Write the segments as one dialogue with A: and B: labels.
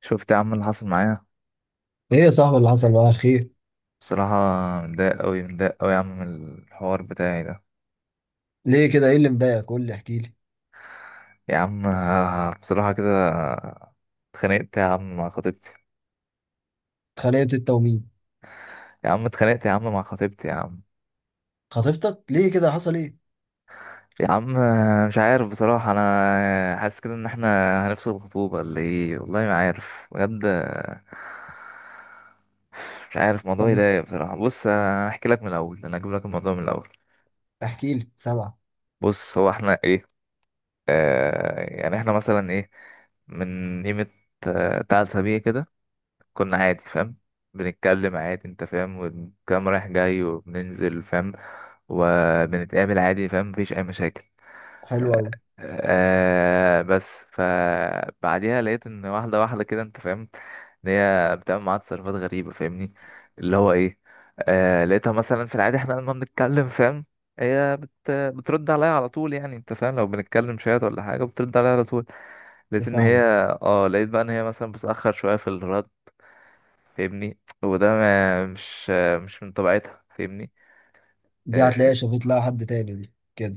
A: شفت يا عم اللي حصل معايا؟
B: ايه يا صاحبي، اللي حصل معاك؟ خير؟
A: بصراحة متضايق أوي متضايق أوي يا عم من الحوار بتاعي ده
B: ليه كده؟ ايه اللي مضايقك؟ قول لي، احكي لي.
A: يا عم. بصراحة كده اتخانقت يا عم مع خطيبتي
B: اتخانقت انت ومين؟
A: يا عم. اتخانقت يا عم مع خطيبتي يا عم
B: خطيبتك؟ ليه كده؟ حصل ايه؟
A: يا عم. مش عارف بصراحة، أنا حاسس كده إن احنا هنفصل الخطوبة اللي إيه، والله ما عارف بجد. مش عارف، الموضوع
B: طب
A: يضايق بصراحة. بص، أحكي لك من الأول، أنا هجيب لك الموضوع من الأول.
B: احكي لي، سامعه.
A: بص هو احنا إيه، يعني احنا مثلا إيه، من قيمة تلات أسابيع كده كنا عادي فاهم. بنتكلم عادي انت فاهم، والكلام رايح جاي وبننزل فاهم وبنتقابل عادي فاهم، مفيش اي مشاكل.
B: حلو
A: آه
B: قوي.
A: بس فبعديها لقيت ان واحدة واحدة كده انت فاهم ان هي بتعمل معاها تصرفات غريبة فاهمني. اللي هو ايه، لقيتها مثلا في العادي احنا لما بنتكلم فاهم، هي بترد عليا على طول. يعني انت فاهم لو بنتكلم شوية ولا حاجة بترد عليا على طول. لقيت ان هي،
B: فاهمك.
A: اه لقيت بقى ان هي مثلا بتأخر شوية في الرد فاهمني. وده ما مش مش من طبيعتها فاهمني.
B: دي
A: آه،
B: هتلاقيها شافت لها حد تاني، دي كده.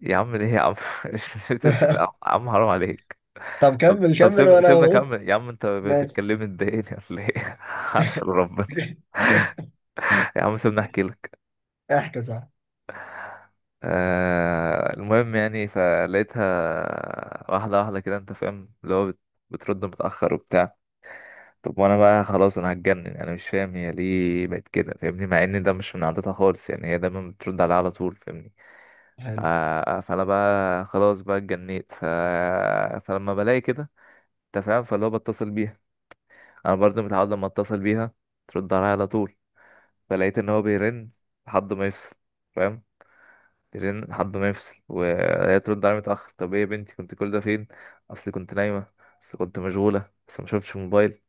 A: يا عم ليه يا عم؟ مش بتقول كده يا عم، حرام عليك.
B: طب
A: طب
B: كمل
A: طب
B: كمل
A: سيبنا
B: وانا
A: سيبنا
B: اهو.
A: كمل يا عم، انت
B: ماشي.
A: بتكلمني تضايقني ولا ايه؟ اقفل ربنا. يا عم سيبنا احكي لك.
B: احكي صح.
A: المهم يعني فلقيتها واحده واحده كده انت فاهم، اللي هو بترد متاخر وبتاع. طب وانا بقى خلاص انا هتجنن، انا مش فاهم هي ليه بقت كده فاهمني، مع ان ده مش من عادتها خالص، يعني هي دايما بترد عليا على طول فاهمني. ف-
B: حلو.
A: فانا بقى خلاص بقى اتجنيت. فلما بلاقي كده انت فاهم، فاللي هو بتصل بيها، انا برضه متعود لما اتصل بيها ترد عليا على طول. فلقيت ان هو بيرن لحد ما يفصل فاهم، يرن لحد ما يفصل، وهي ترد عليا متاخر. طب ايه يا بنتي كنت كل ده فين؟ اصلي كنت نايمه، اصل كنت مشغوله بس ما شفتش موبايل.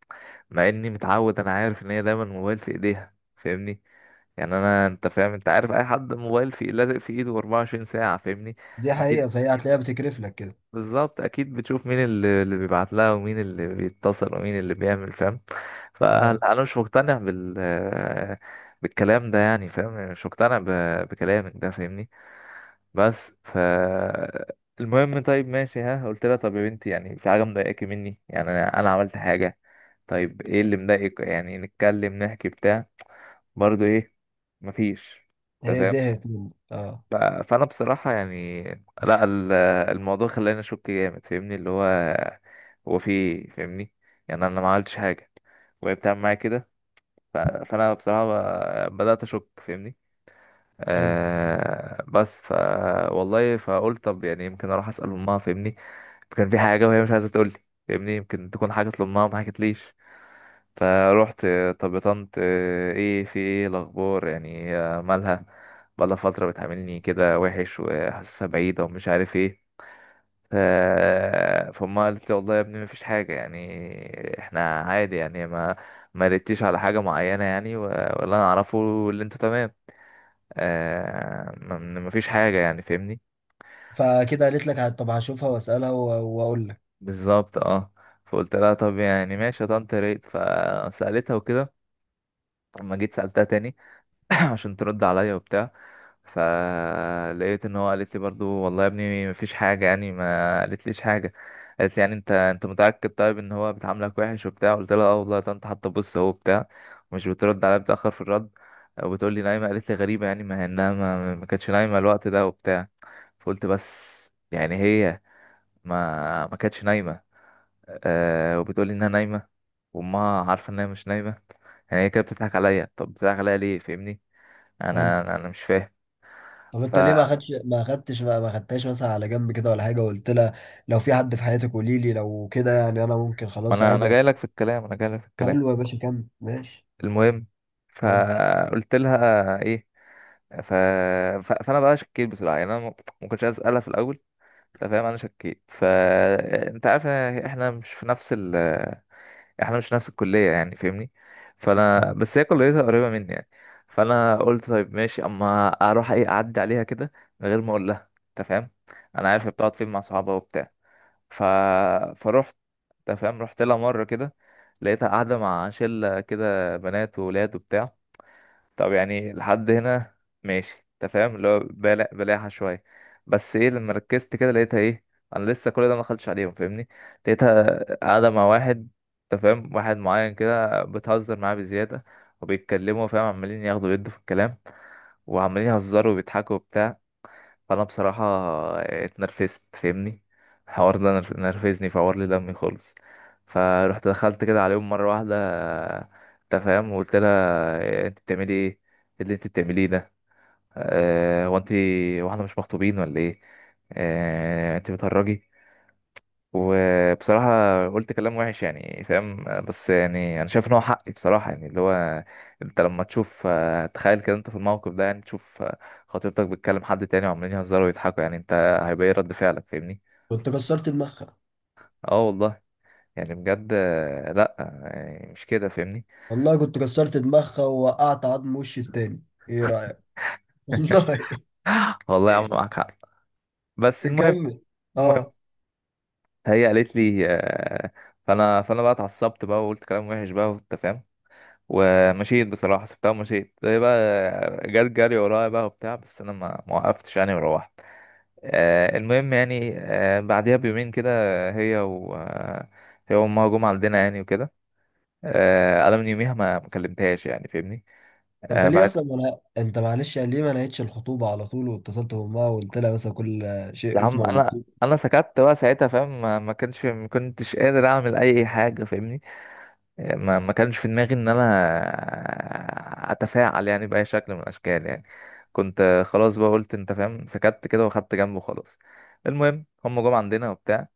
A: مع اني متعود، انا عارف ان هي دايما الموبايل في ايديها فاهمني. يعني انا انت فاهم، انت عارف اي حد موبايل في لازق في ايده 24 ساعه فاهمني.
B: دي
A: اكيد،
B: حقيقه، فهي هتلاقيها بتكرف لك كده.
A: بالظبط اكيد، بتشوف مين اللي بيبعت لها ومين اللي بيتصل ومين اللي بيعمل فاهم.
B: اه.
A: فانا مش مقتنع بالكلام ده، يعني فاهم، يعني مش مقتنع بكلامك ده فاهمني. بس المهم. طيب ماشي، ها قلت لها طب يا بنتي يعني في حاجه مضايقاكي مني، يعني انا عملت حاجه؟ طيب ايه اللي مضايقك؟ يعني نتكلم نحكي بتاع برضو ايه؟ مفيش، انت
B: هي
A: فاهم؟
B: زهقت منك، اه.
A: ف- فانا بصراحه يعني، لا الموضوع خلاني اشك جامد فاهمني، اللي هو هو في إيه؟ فاهمني. يعني انا ما عملتش حاجه وهي بتعمل معايا كده. فانا بصراحه بدات اشك فاهمني.
B: حلو.
A: بس والله فقلت طب يعني يمكن اروح اسال امها فاهمني، كان في حاجه وهي مش عايزه تقول لي فاهمني، يمكن تكون حاجه لامها ما حكتليش. فروحت. طب طنط، ايه في ايه الاخبار، يعني هي مالها؟ بقالها فتره بتعاملني كده وحش، وحاسسها بعيده ومش عارف ايه. ف- فامها قالت لي والله يا ابني مفيش حاجه، يعني احنا عادي يعني ما ردتيش على حاجه معينه يعني، ولا انا اعرفه، اللي انتوا تمام. مفيش حاجه يعني فاهمني.
B: فكده قالت لك طب هشوفها واسالها واقول لك.
A: بالظبط اه. فقلت لها طب يعني ماشي يا طنط يا ريت. فسالتها وكده، لما جيت سالتها تاني. عشان ترد عليا وبتاع. فلقيت ان هو قالت لي برضو والله يا ابني مفيش حاجه يعني، ما قالت ليش حاجه. قالت لي يعني انت متاكد طيب ان هو بتعاملك وحش وبتاع؟ قلت لها اه والله يا طنط، حتى بص هو بتاع، مش بترد عليا، بتاخر في الرد وبتقول لي نايمه. قالت لي غريبه يعني، ما هي انها ما كانتش نايمه الوقت ده وبتاع. فقلت بس يعني هي ما كانتش نايمه، أه وبتقول لي انها نايمه، وامها عارفه انها مش نايمه. يعني هي كده بتضحك عليا، طب بتضحك عليا ليه فاهمني؟
B: حلو،
A: انا أنا مش
B: طب انت ليه ما
A: فاهم.
B: خدش ما خدتش ما ما خدتهاش مثلا على جنب كده ولا حاجه، وقلت لها: لو في حد في حياتك قولي لي، لو كده يعني انا ممكن
A: ما
B: خلاص
A: انا
B: عادي
A: جاي لك في الكلام، انا جاي لك في الكلام.
B: حلو يا باشا، كمل. ماشي.
A: المهم،
B: ودي
A: فقلت لها ايه، ف... فانا بقى شكيت بصراحه، يعني انا ما كنتش عايز اسالها في الاول، انت فاهم انا شكيت. فانت عارف إن احنا مش في نفس احنا مش في نفس الكليه يعني فاهمني، فانا
B: بتاع.
A: بس هي كليتها قريبه مني يعني. فانا قلت طيب ماشي، اما اروح، ايه، اعدي عليها كده من غير ما اقول لها انت فاهم، انا عارف هي بتقعد فين مع صحابها وبتاع. ف... فروحت، انت فاهم رحت لها مره كده. لقيتها قاعده مع شله كده بنات وولاد وبتاع. طب يعني لحد هنا ماشي انت فاهم، اللي هو بلاحه شويه. بس ايه، لما ركزت كده لقيتها ايه، انا لسه كل ده ما دخلتش عليهم فاهمني، لقيتها قاعده مع واحد، انت فاهم واحد معين كده، بتهزر معاه بزياده وبيتكلموا فاهم، عمالين ياخدوا يدوا في الكلام، وعمالين يهزروا وبيضحكوا وبتاع. فانا بصراحه اتنرفزت فاهمني. الحوار ده نرفزني، فور لي دمي خالص. فروحت دخلت كده عليهم مره واحده، انت فاهم، وقلت لها انت بتعملي ايه؟ إيه اللي انت بتعمليه ده، هو انت واحنا مش مخطوبين ولا ايه؟ انت بتهرجي؟ وبصراحة قلت كلام وحش يعني فاهم، بس يعني أنا شايف إن هو حقي بصراحة. يعني اللي هو أنت لما تشوف تخيل كده أنت في الموقف ده، يعني تشوف خطيبتك بتكلم حد تاني وعمالين يهزروا ويضحكوا، يعني أنت هيبقى إيه رد فعلك فاهمني؟
B: كنت كسرت دماغها.
A: أه والله، يعني بجد لأ، يعني مش كده فاهمني؟
B: والله كنت كسرت دماغها، ووقعت عظم وشي التاني. ايه رايك؟ والله.
A: والله يا عم معاك حق. بس المهم،
B: كمل.
A: المهم
B: اه.
A: هي قالت لي فأنا بقى اتعصبت بقى، وقلت كلام وحش بقى، وأنت فاهم، ومشيت بصراحة، سبتها ومشيت. هي بقى جت جري ورايا بقى وبتاع، بس أنا ما وقفتش يعني وروحت. المهم يعني بعديها بيومين كده هي و آه، هي وأمها جم عندنا يعني وكده. أنا من يوميها ما كلمتهاش يعني فاهمني.
B: انت ليه
A: بعد،
B: اصلا، ولا انت معلش، يعني ليه ما نهيتش الخطوبه على طول واتصلت بامها وقلت لها مثلا: كل
A: يا
B: شيء
A: عم
B: اسمه
A: أنا
B: ونصيب.
A: سكت بقى ساعتها فاهم، ما كنتش قادر أعمل أي حاجة فاهمني. ما كانش في دماغي ان انا اتفاعل يعني باي شكل من الاشكال يعني. كنت خلاص بقى قلت انت فاهم سكت كده واخدت جنبه خلاص. المهم هم جم عندنا وبتاع،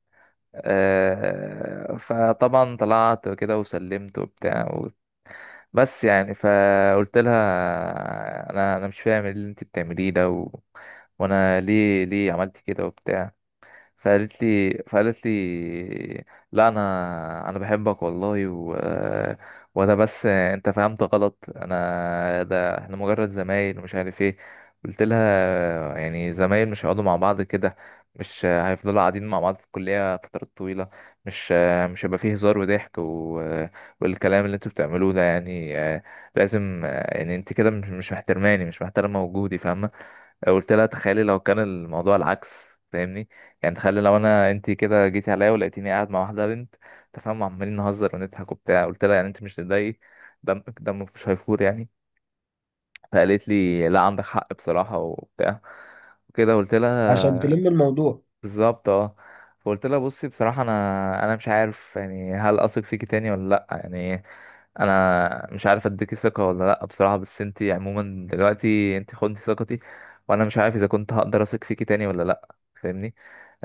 A: فطبعا طلعت كده وسلمت وبتاع بس يعني فقلت لها انا مش فاهم إيه اللي انت بتعمليه ده وانا ليه عملت كده وبتاع. فقالت لي لا انا بحبك والله وده بس انت فهمت غلط، انا ده احنا مجرد زمايل ومش عارف ايه. قلت لها يعني زمايل مش هيقعدوا مع بعض كده، مش هيفضلوا قاعدين مع بعض في الكلية فترات طويلة، مش مش هيبقى فيه هزار وضحك والكلام اللي انتوا بتعملوه ده يعني لازم يعني انت كده مش محترماني، مش محترمة وجودي فاهمة. قلت لها تخيلي لو كان الموضوع العكس فاهمني، يعني تخيلي لو انت كده جيتي عليا ولقيتيني قاعد مع واحده بنت، تفهم، عمالين نهزر ونضحك وبتاع. قلت لها يعني انت مش تضايقي؟ دمك مش هيفور يعني؟ فقالت لي لا عندك حق بصراحه وبتاع وكده. قلت
B: عشان
A: لها
B: تلم الموضوع.
A: بالظبط اه. فقلت لها بصي بصراحة انا مش عارف يعني هل اثق فيكي تاني ولا لا، يعني انا مش عارف اديكي ثقة ولا لا بصراحة، بس انتي عموما دلوقتي انتي خدتي ثقتي، وانا مش عارف اذا كنت هقدر اثق فيكي تاني ولا لا فاهمني.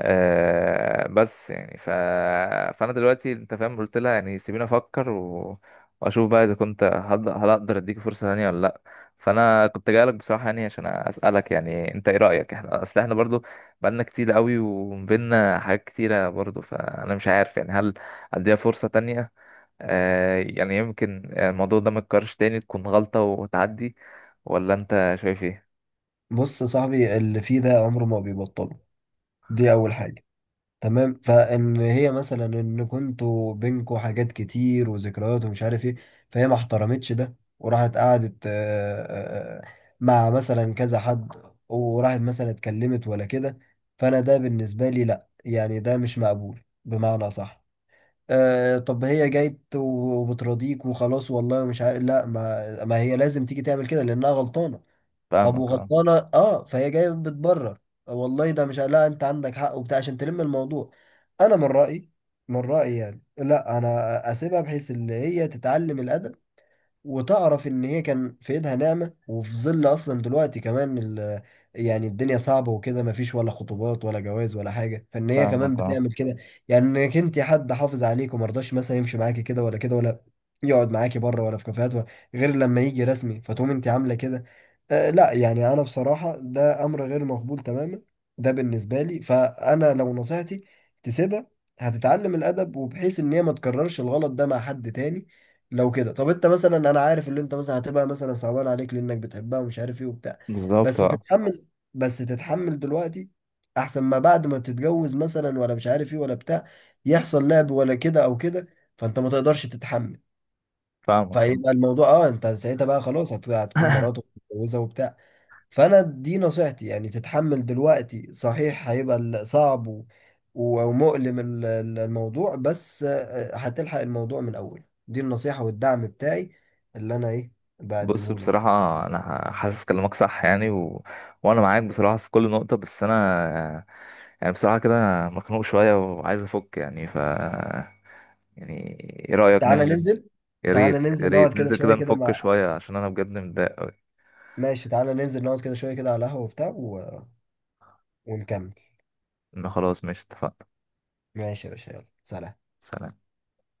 A: بس يعني فانا دلوقتي انت فاهم قلت لها يعني سيبيني افكر واشوف بقى اذا كنت هل اقدر اديكي فرصة تانية ولا لا. فانا كنت جاي لك بصراحه يعني عشان اسالك، يعني انت ايه رايك، احنا برضو بقالنا كتير قوي وبينا حاجات كتيرة برضو، فأنا مش عارف يعني هل أديها فرصة تانية؟ يعني يمكن الموضوع ده متكررش تاني، تكون غلطة وتعدي، ولا أنت شايف إيه؟
B: بص يا صاحبي، اللي فيه ده عمره ما بيبطله، دي اول حاجه. تمام، فان هي مثلا ان كنتوا بينكوا حاجات كتير وذكريات ومش عارف ايه، فهي ما احترمتش ده وراحت قعدت آه، آه، مع مثلا كذا حد، وراحت مثلا اتكلمت ولا كده. فانا ده بالنسبه لي لا، يعني ده مش مقبول بمعنى صح. أه، طب هي جايت وبترضيك وخلاص والله مش عارف؟ لا، ما هي لازم تيجي تعمل كده لانها غلطانه. طب
A: فاهمك اه.
B: وغلطانه اه، فهي جايه بتبرر، والله ده مش، لا، انت عندك حق وبتاع عشان تلم الموضوع. انا من رايي، يعني لا، انا اسيبها بحيث ان هي تتعلم الادب، وتعرف ان هي كان في ايدها نعمة، وفي ظل اصلا دلوقتي كمان يعني الدنيا صعبة وكده، مفيش ولا خطوبات ولا جواز ولا حاجة، فان هي كمان
A: فاهمك اه.
B: بتعمل كده. يعني انك انت حد حافظ عليك، ومرضاش مثلا يمشي معاكي كده ولا كده، ولا يقعد معاكي بره ولا في كافيهات ولا، غير لما يجي رسمي، فتقوم انت عاملة كده. آه لا، يعني انا بصراحة ده امر غير مقبول تماما، ده بالنسبة لي. فانا لو نصيحتي، تسيبها، هتتعلم الادب، وبحيث ان هي ما تكررش الغلط ده مع حد تاني. لو كده، طب انت مثلا، انا عارف اللي انت مثلا هتبقى مثلا صعبان عليك لانك بتحبها ومش عارف ايه وبتاع،
A: بالظبط
B: بس
A: اه.
B: تتحمل. دلوقتي احسن، ما بعد ما تتجوز مثلا، ولا مش عارف ايه ولا بتاع يحصل لعب ولا كده او كده، فانت ما تقدرش تتحمل.
A: فاهمك فاهم.
B: فيبقى الموضوع اه، انت ساعتها بقى خلاص هتكون مراتك متجوزه وبتاع. فانا دي نصيحتي، يعني تتحمل دلوقتي، صحيح هيبقى صعب ومؤلم الموضوع، بس آه، هتلحق الموضوع من اول. دي النصيحة والدعم بتاعي اللي انا ايه
A: بص
B: بقدمه لك.
A: بصراحة أنا حاسس كلامك صح يعني وأنا معاك بصراحة في كل نقطة، بس أنا يعني بصراحة كده أنا مخنوق شوية وعايز أفك يعني يعني إيه رأيك
B: تعالى
A: ننزل؟
B: ننزل.
A: يا
B: تعالى
A: ريت يا
B: ننزل نقعد
A: ريت
B: كده
A: ننزل
B: شوية
A: كده
B: كده
A: نفك
B: مع.
A: شوية، عشان أنا بجد متضايق أوي.
B: ماشي، تعالى ننزل نقعد كده شوية كده على القهوة وبتاع ونكمل.
A: إن خلاص ماشي اتفقنا.
B: ماشي يا باشا، يلا سلام.
A: سلام.